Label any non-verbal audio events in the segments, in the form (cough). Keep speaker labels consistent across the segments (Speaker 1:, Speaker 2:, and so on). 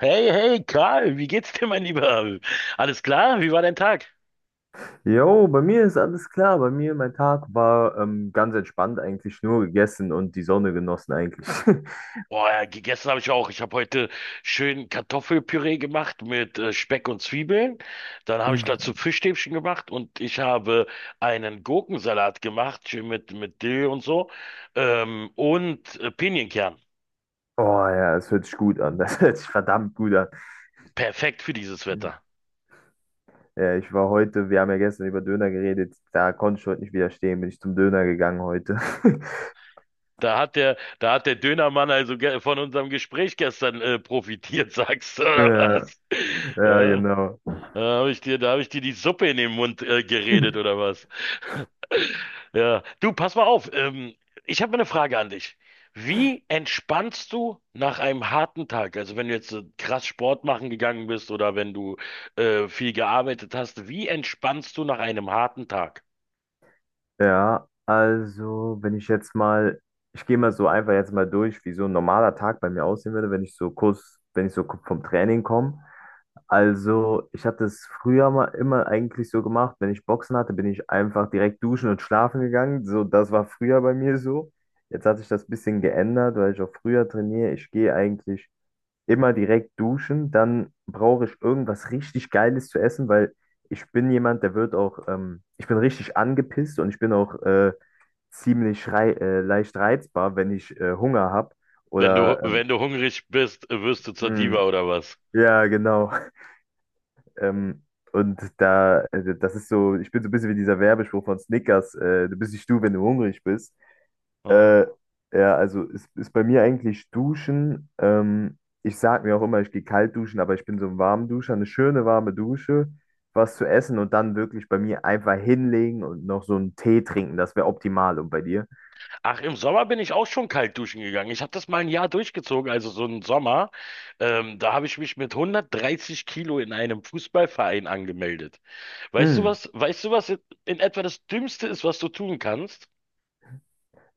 Speaker 1: Hey, hey, Karl, wie geht's dir, mein Lieber? Alles klar? Wie war dein Tag?
Speaker 2: Jo, bei mir ist alles klar. Mein Tag war ganz entspannt eigentlich, nur gegessen und die Sonne genossen eigentlich. (laughs)
Speaker 1: Boah, ja, gegessen habe ich auch. Ich habe heute schön Kartoffelpüree gemacht mit Speck und Zwiebeln. Dann habe ich
Speaker 2: Uff.
Speaker 1: dazu Fischstäbchen gemacht und ich habe einen Gurkensalat gemacht, schön mit Dill und so. Und Pinienkern.
Speaker 2: Oh ja, das hört sich gut an. Das (laughs) hört sich verdammt gut an.
Speaker 1: Perfekt für dieses Wetter.
Speaker 2: Ja, wir haben ja gestern über Döner geredet, da konnte ich heute nicht widerstehen, bin ich zum Döner gegangen heute. (laughs)
Speaker 1: Da hat der Dönermann also von unserem Gespräch gestern profitiert, (laughs) sagst du, oder
Speaker 2: Ja,
Speaker 1: was? (laughs)
Speaker 2: ja,
Speaker 1: Ja.
Speaker 2: genau.
Speaker 1: Da habe ich dir die Suppe in den Mund geredet oder
Speaker 2: (laughs)
Speaker 1: was? (laughs) Ja, du, pass mal auf. Ich habe mal eine Frage an dich. Wie entspannst du nach einem harten Tag? Also wenn du jetzt krass Sport machen gegangen bist oder wenn du viel gearbeitet hast, wie entspannst du nach einem harten Tag?
Speaker 2: Ja, also wenn ich jetzt mal, ich gehe mal so einfach jetzt mal durch, wie so ein normaler Tag bei mir aussehen würde, wenn ich so vom Training komme. Also, ich habe das früher mal immer eigentlich so gemacht. Wenn ich Boxen hatte, bin ich einfach direkt duschen und schlafen gegangen. So, das war früher bei mir so. Jetzt hat sich das ein bisschen geändert, weil ich auch früher trainiere. Ich gehe eigentlich immer direkt duschen. Dann brauche ich irgendwas richtig Geiles zu essen. Weil ich bin jemand, der wird auch, Ich bin richtig angepisst und ich bin auch ziemlich rei leicht reizbar, wenn ich Hunger habe.
Speaker 1: Wenn du,
Speaker 2: Oder,
Speaker 1: wenn du hungrig bist, wirst du zur
Speaker 2: mh,
Speaker 1: Diva oder was?
Speaker 2: ja, genau. Ähm, und da, das ist so, Ich bin so ein bisschen wie dieser Werbespruch von Snickers: "Du bist nicht du, wenn du hungrig bist."
Speaker 1: Ah.
Speaker 2: Äh, ja, also ist bei mir eigentlich Duschen. Ich sag mir auch immer, ich gehe kalt duschen, aber ich bin so ein Warmduscher, eine schöne warme Dusche, was zu essen und dann wirklich bei mir einfach hinlegen und noch so einen Tee trinken. Das wäre optimal. Und bei dir?
Speaker 1: Ach, im Sommer bin ich auch schon kalt duschen gegangen. Ich habe das mal ein Jahr durchgezogen, also so einen Sommer. Da habe ich mich mit 130 Kilo in einem Fußballverein angemeldet. Weißt du
Speaker 2: Hm,
Speaker 1: was, weißt du was in etwa das Dümmste ist, was du tun kannst?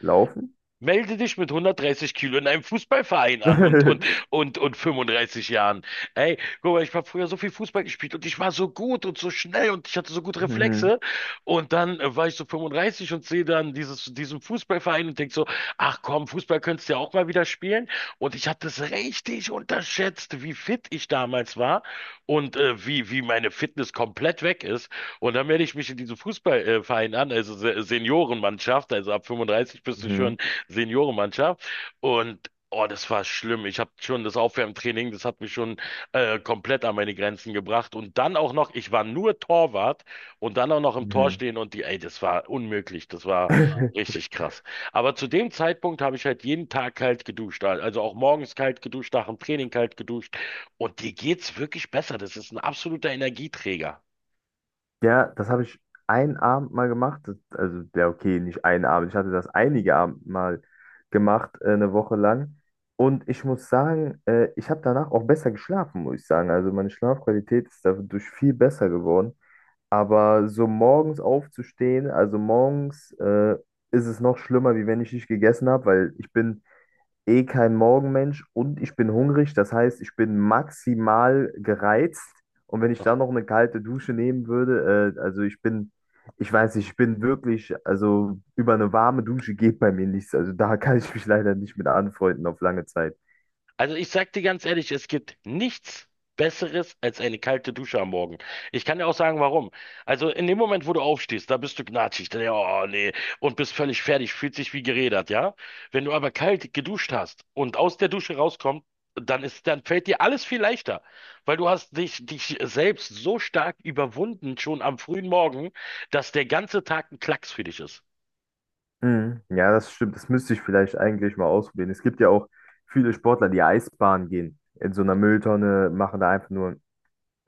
Speaker 2: laufen?
Speaker 1: Melde dich mit 130 Kilo in einem Fußballverein an und, und,
Speaker 2: (laughs)
Speaker 1: und, und 35 Jahren. Ey, guck mal, ich habe früher so viel Fußball gespielt und ich war so gut und so schnell und ich hatte so gute
Speaker 2: Mhm,
Speaker 1: Reflexe. Und dann war ich so 35 und sehe dann diesen Fußballverein und denk so, ach komm, Fußball könntest du ja auch mal wieder spielen. Und ich hatte es richtig unterschätzt, wie fit ich damals war und wie meine Fitness komplett weg ist. Und dann melde ich mich in diesen Fußballverein an, also Seniorenmannschaft, also ab 35 bist du
Speaker 2: mhm,
Speaker 1: schon Seniorenmannschaft. Und oh, das war schlimm. Ich habe schon das Aufwärmtraining, das hat mich schon komplett an meine Grenzen gebracht. Und dann auch noch, ich war nur Torwart und dann auch noch im Tor
Speaker 2: mhm.
Speaker 1: stehen und die, ey, das war unmöglich. Das war
Speaker 2: (laughs)
Speaker 1: richtig krass. Aber zu dem Zeitpunkt habe ich halt jeden Tag kalt geduscht. Also auch morgens kalt geduscht, nach dem Training kalt geduscht. Und dir geht's wirklich besser. Das ist ein absoluter Energieträger.
Speaker 2: Ja, das habe ich einen Abend mal gemacht. Also, ja, okay, nicht einen Abend. Ich hatte das einige Abend mal gemacht, eine Woche lang. Und ich muss sagen, ich habe danach auch besser geschlafen, muss ich sagen. Also, meine Schlafqualität ist dadurch viel besser geworden. Aber so morgens aufzustehen, also morgens, ist es noch schlimmer, wie wenn ich nicht gegessen habe, weil ich bin eh kein Morgenmensch und ich bin hungrig. Das heißt, ich bin maximal gereizt. Und wenn ich dann noch eine kalte Dusche nehmen würde, also ich weiß nicht, also über eine warme Dusche geht bei mir nichts. Also da (laughs) kann ich mich leider nicht mit anfreunden auf lange Zeit.
Speaker 1: Also ich sag dir ganz ehrlich, es gibt nichts Besseres als eine kalte Dusche am Morgen. Ich kann dir auch sagen, warum. Also in dem Moment, wo du aufstehst, da bist du gnatschig, da, oh nee, und bist völlig fertig, fühlt sich wie gerädert, ja? Wenn du aber kalt geduscht hast und aus der Dusche rauskommst, dann fällt dir alles viel leichter, weil du hast dich selbst so stark überwunden schon am frühen Morgen, dass der ganze Tag ein Klacks für dich ist.
Speaker 2: Mhm. Ja, das stimmt. Das müsste ich vielleicht eigentlich mal ausprobieren. Es gibt ja auch viele Sportler, die Eisbahn gehen. In so einer Mülltonne machen da einfach nur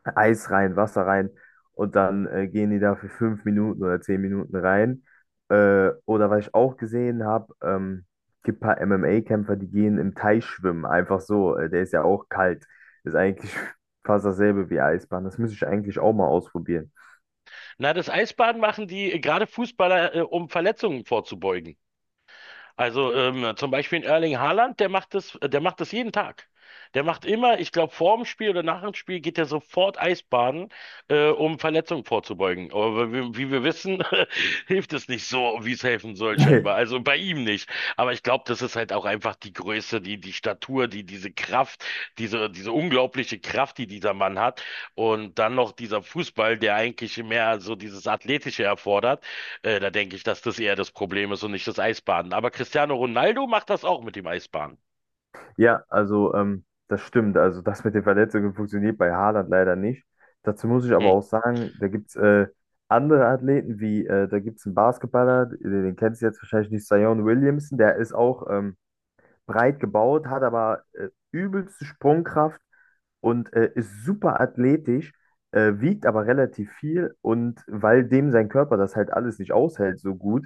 Speaker 2: Eis rein, Wasser rein und dann gehen die da für 5 Minuten oder 10 Minuten rein. Oder was ich auch gesehen habe, gibt ein paar MMA-Kämpfer, die gehen im Teich schwimmen, einfach so. Der ist ja auch kalt. Ist eigentlich (laughs) fast dasselbe wie Eisbahn. Das müsste ich eigentlich auch mal ausprobieren.
Speaker 1: Na, das Eisbaden machen die gerade Fußballer, um Verletzungen vorzubeugen. Also zum Beispiel in Erling Haaland, der macht das jeden Tag. Der macht immer, ich glaube, vor dem Spiel oder nach dem Spiel geht er sofort Eisbaden, um Verletzungen vorzubeugen. Aber wie wir wissen, (laughs) hilft es nicht so, wie es helfen soll, scheinbar.
Speaker 2: (laughs)
Speaker 1: Also bei ihm nicht. Aber ich glaube, das ist halt auch einfach die Größe, die Statur, die, diese Kraft, diese unglaubliche Kraft, die dieser Mann hat. Und dann noch dieser Fußball, der eigentlich mehr so dieses Athletische erfordert. Da denke ich, dass das eher das Problem ist und nicht das Eisbaden. Aber Cristiano Ronaldo macht das auch mit dem Eisbaden.
Speaker 2: Ja, also das stimmt. Also das mit den Verletzungen funktioniert bei Haaland leider nicht. Dazu muss ich aber
Speaker 1: Hm.
Speaker 2: auch sagen, da gibt es andere Athleten, wie da gibt es einen Basketballer, den kennst du jetzt wahrscheinlich nicht, Zion Williamson, der ist auch breit gebaut, hat aber übelste Sprungkraft und ist super athletisch, wiegt aber relativ viel und weil dem sein Körper das halt alles nicht aushält so gut,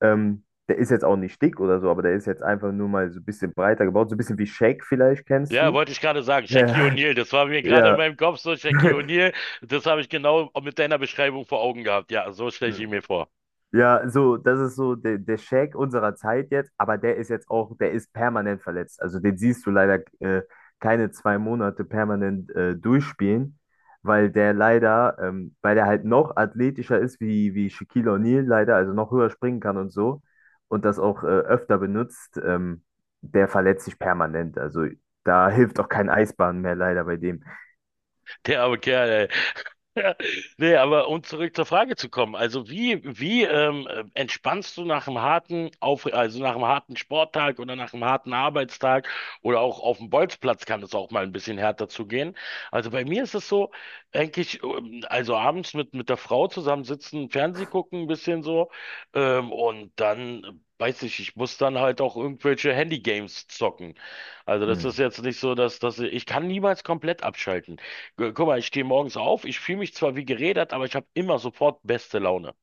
Speaker 2: der ist jetzt auch nicht dick oder so, aber der ist jetzt einfach nur mal so ein bisschen breiter gebaut, so ein bisschen wie Shaq vielleicht kennst
Speaker 1: Ja,
Speaker 2: du.
Speaker 1: wollte ich gerade sagen, Shaquille
Speaker 2: (laughs)
Speaker 1: O'Neal, das war mir gerade in
Speaker 2: Ja,
Speaker 1: meinem Kopf so, Shaquille O'Neal, das habe ich genau mit deiner Beschreibung vor Augen gehabt. Ja, so stelle
Speaker 2: ja.
Speaker 1: ich ihn mir vor.
Speaker 2: Ja, so, das ist so der Shaq unserer Zeit jetzt, aber der ist permanent verletzt. Also den siehst du leider keine 2 Monate permanent durchspielen, weil der halt noch athletischer ist wie Shaquille O'Neal leider, also noch höher springen kann und so und das auch öfter benutzt, der verletzt sich permanent. Also da hilft auch kein Eisbahn mehr leider bei dem.
Speaker 1: Der arme Kerl, ey. (laughs) Ja, nee, aber um zurück zur Frage zu kommen, also wie entspannst du nach einem harten Auf also nach einem harten Sporttag oder nach einem harten Arbeitstag oder auch auf dem Bolzplatz kann es auch mal ein bisschen härter zugehen. Also bei mir ist es so, eigentlich, also abends mit der Frau zusammensitzen, Fernseh gucken, ein bisschen so, und dann Weiß ich, ich muss dann halt auch irgendwelche Handygames zocken. Also das ist
Speaker 2: Mhm.
Speaker 1: jetzt nicht so, dass ich kann niemals komplett abschalten. Guck mal, ich stehe morgens auf, ich fühle mich zwar wie gerädert, aber ich habe immer sofort beste Laune.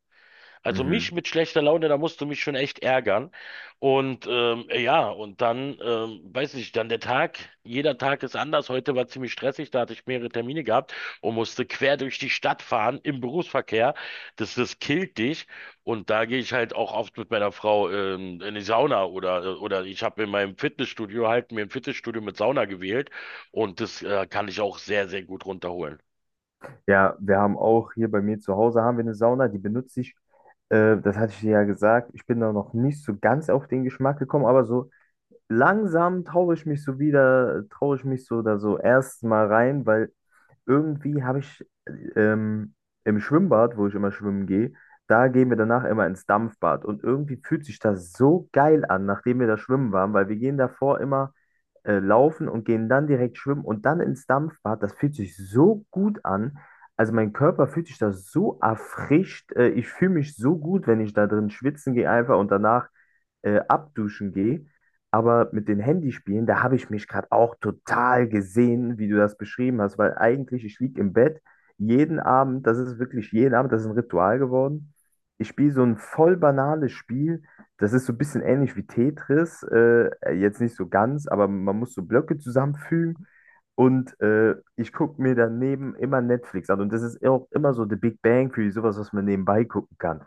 Speaker 1: Also mich
Speaker 2: Mhm.
Speaker 1: mit schlechter Laune, da musst du mich schon echt ärgern. Und weiß nicht, dann der Tag, jeder Tag ist anders. Heute war ziemlich stressig, da hatte ich mehrere Termine gehabt und musste quer durch die Stadt fahren im Berufsverkehr. Das killt dich. Und da gehe ich halt auch oft mit meiner Frau in die Sauna oder ich habe in meinem Fitnessstudio halt mir ein Fitnessstudio mit Sauna gewählt und das kann ich auch sehr, sehr gut runterholen.
Speaker 2: Ja, wir haben auch hier bei mir zu Hause haben wir eine Sauna, die benutze ich. Das hatte ich dir ja gesagt. Ich bin da noch nicht so ganz auf den Geschmack gekommen, aber so langsam traue ich mich so da so erst mal rein, weil irgendwie habe ich ähm, im Schwimmbad, wo ich immer schwimmen gehe, da gehen wir danach immer ins Dampfbad. Und irgendwie fühlt sich das so geil an, nachdem wir da schwimmen waren, weil wir gehen davor immer laufen und gehen dann direkt schwimmen und dann ins Dampfbad. Das fühlt sich so gut an. Also mein Körper fühlt sich da so erfrischt. Ich fühle mich so gut, wenn ich da drin schwitzen gehe einfach und danach abduschen gehe. Aber mit den Handyspielen, da habe ich mich gerade auch total gesehen, wie du das beschrieben hast, weil eigentlich, ich liege im Bett jeden Abend, das ist wirklich jeden Abend, das ist ein Ritual geworden. Ich spiele so ein voll banales Spiel, das ist so ein bisschen ähnlich wie Tetris, jetzt nicht so ganz, aber man muss so Blöcke zusammenfügen und ich gucke mir daneben immer Netflix an und das ist auch immer so The Big Bang Theory, sowas, was man nebenbei gucken kann.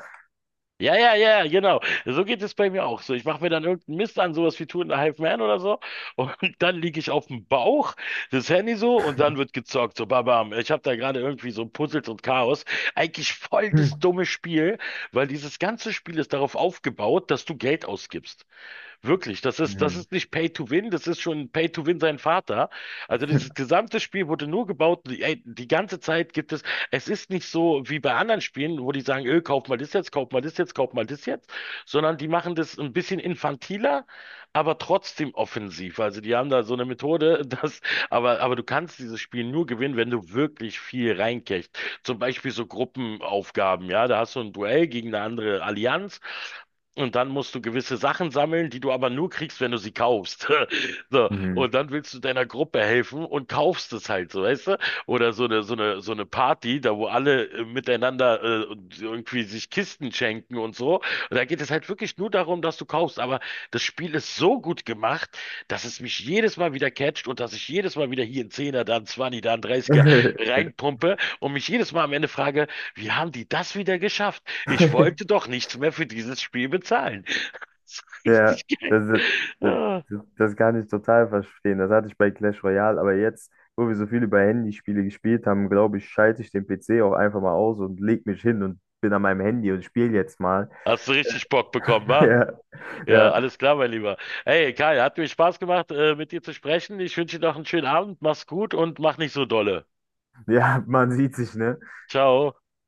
Speaker 1: Ja, ja, ja, genau. So geht es bei mir auch so. Ich mache mir dann irgendeinen Mist an, sowas wie Two and a Half Man oder so. (laughs) Und dann liege ich auf dem Bauch, das Handy so, und dann wird gezockt. So, babam. Ich habe da gerade irgendwie so Puzzles und Chaos. Eigentlich voll das
Speaker 2: Hm.
Speaker 1: dumme Spiel, weil dieses ganze Spiel ist darauf aufgebaut, dass du Geld ausgibst. Wirklich, das
Speaker 2: Hm.
Speaker 1: ist nicht Pay to Win, das ist schon Pay to Win sein Vater. Also dieses gesamte Spiel wurde nur gebaut, ey, die ganze Zeit gibt es, es ist nicht so wie bei anderen Spielen, wo die sagen, kauf mal das jetzt, sondern die machen das ein bisschen infantiler, aber trotzdem offensiv. Also die haben da so eine Methode, (laughs) dass, aber du kannst dieses Spiel nur gewinnen, wenn du wirklich viel reinkriegst. Zum Beispiel so Gruppenaufgaben, ja, da hast du ein Duell gegen eine andere Allianz. Und dann musst du gewisse Sachen sammeln, die du aber nur kriegst, wenn du sie kaufst. (laughs) So,
Speaker 2: Hm.
Speaker 1: und dann willst du deiner Gruppe helfen und kaufst es halt, so weißt du? Oder so eine Party, da wo alle miteinander und irgendwie sich Kisten schenken und so. Und da geht es halt wirklich nur darum, dass du kaufst. Aber das Spiel ist so gut gemacht, dass es mich jedes Mal wieder catcht und dass ich jedes Mal wieder hier einen Zehner, da einen Zwanni, da einen Dreißiger reinpumpe und mich jedes Mal am Ende frage, wie haben die das wieder geschafft? Ich wollte
Speaker 2: (laughs)
Speaker 1: doch nichts mehr für dieses Spiel bezahlen. (laughs) Das ist
Speaker 2: Ja,
Speaker 1: richtig geil.
Speaker 2: das, ist- das,
Speaker 1: Ah,
Speaker 2: das kann ich total verstehen. Das hatte ich bei Clash Royale, aber jetzt, wo wir so viel über Handyspiele gespielt haben, glaube ich, schalte ich den PC auch einfach mal aus und leg mich hin und bin an meinem Handy und spiele jetzt mal. (laughs)
Speaker 1: hast du richtig Bock bekommen, wa?
Speaker 2: Ja,
Speaker 1: Ja,
Speaker 2: ja,
Speaker 1: alles klar, mein Lieber. Hey, Kai, hat mir Spaß gemacht, mit dir zu sprechen. Ich wünsche dir noch einen schönen Abend. Mach's gut und mach nicht so dolle.
Speaker 2: ja, man sieht sich, ne?
Speaker 1: Ciao.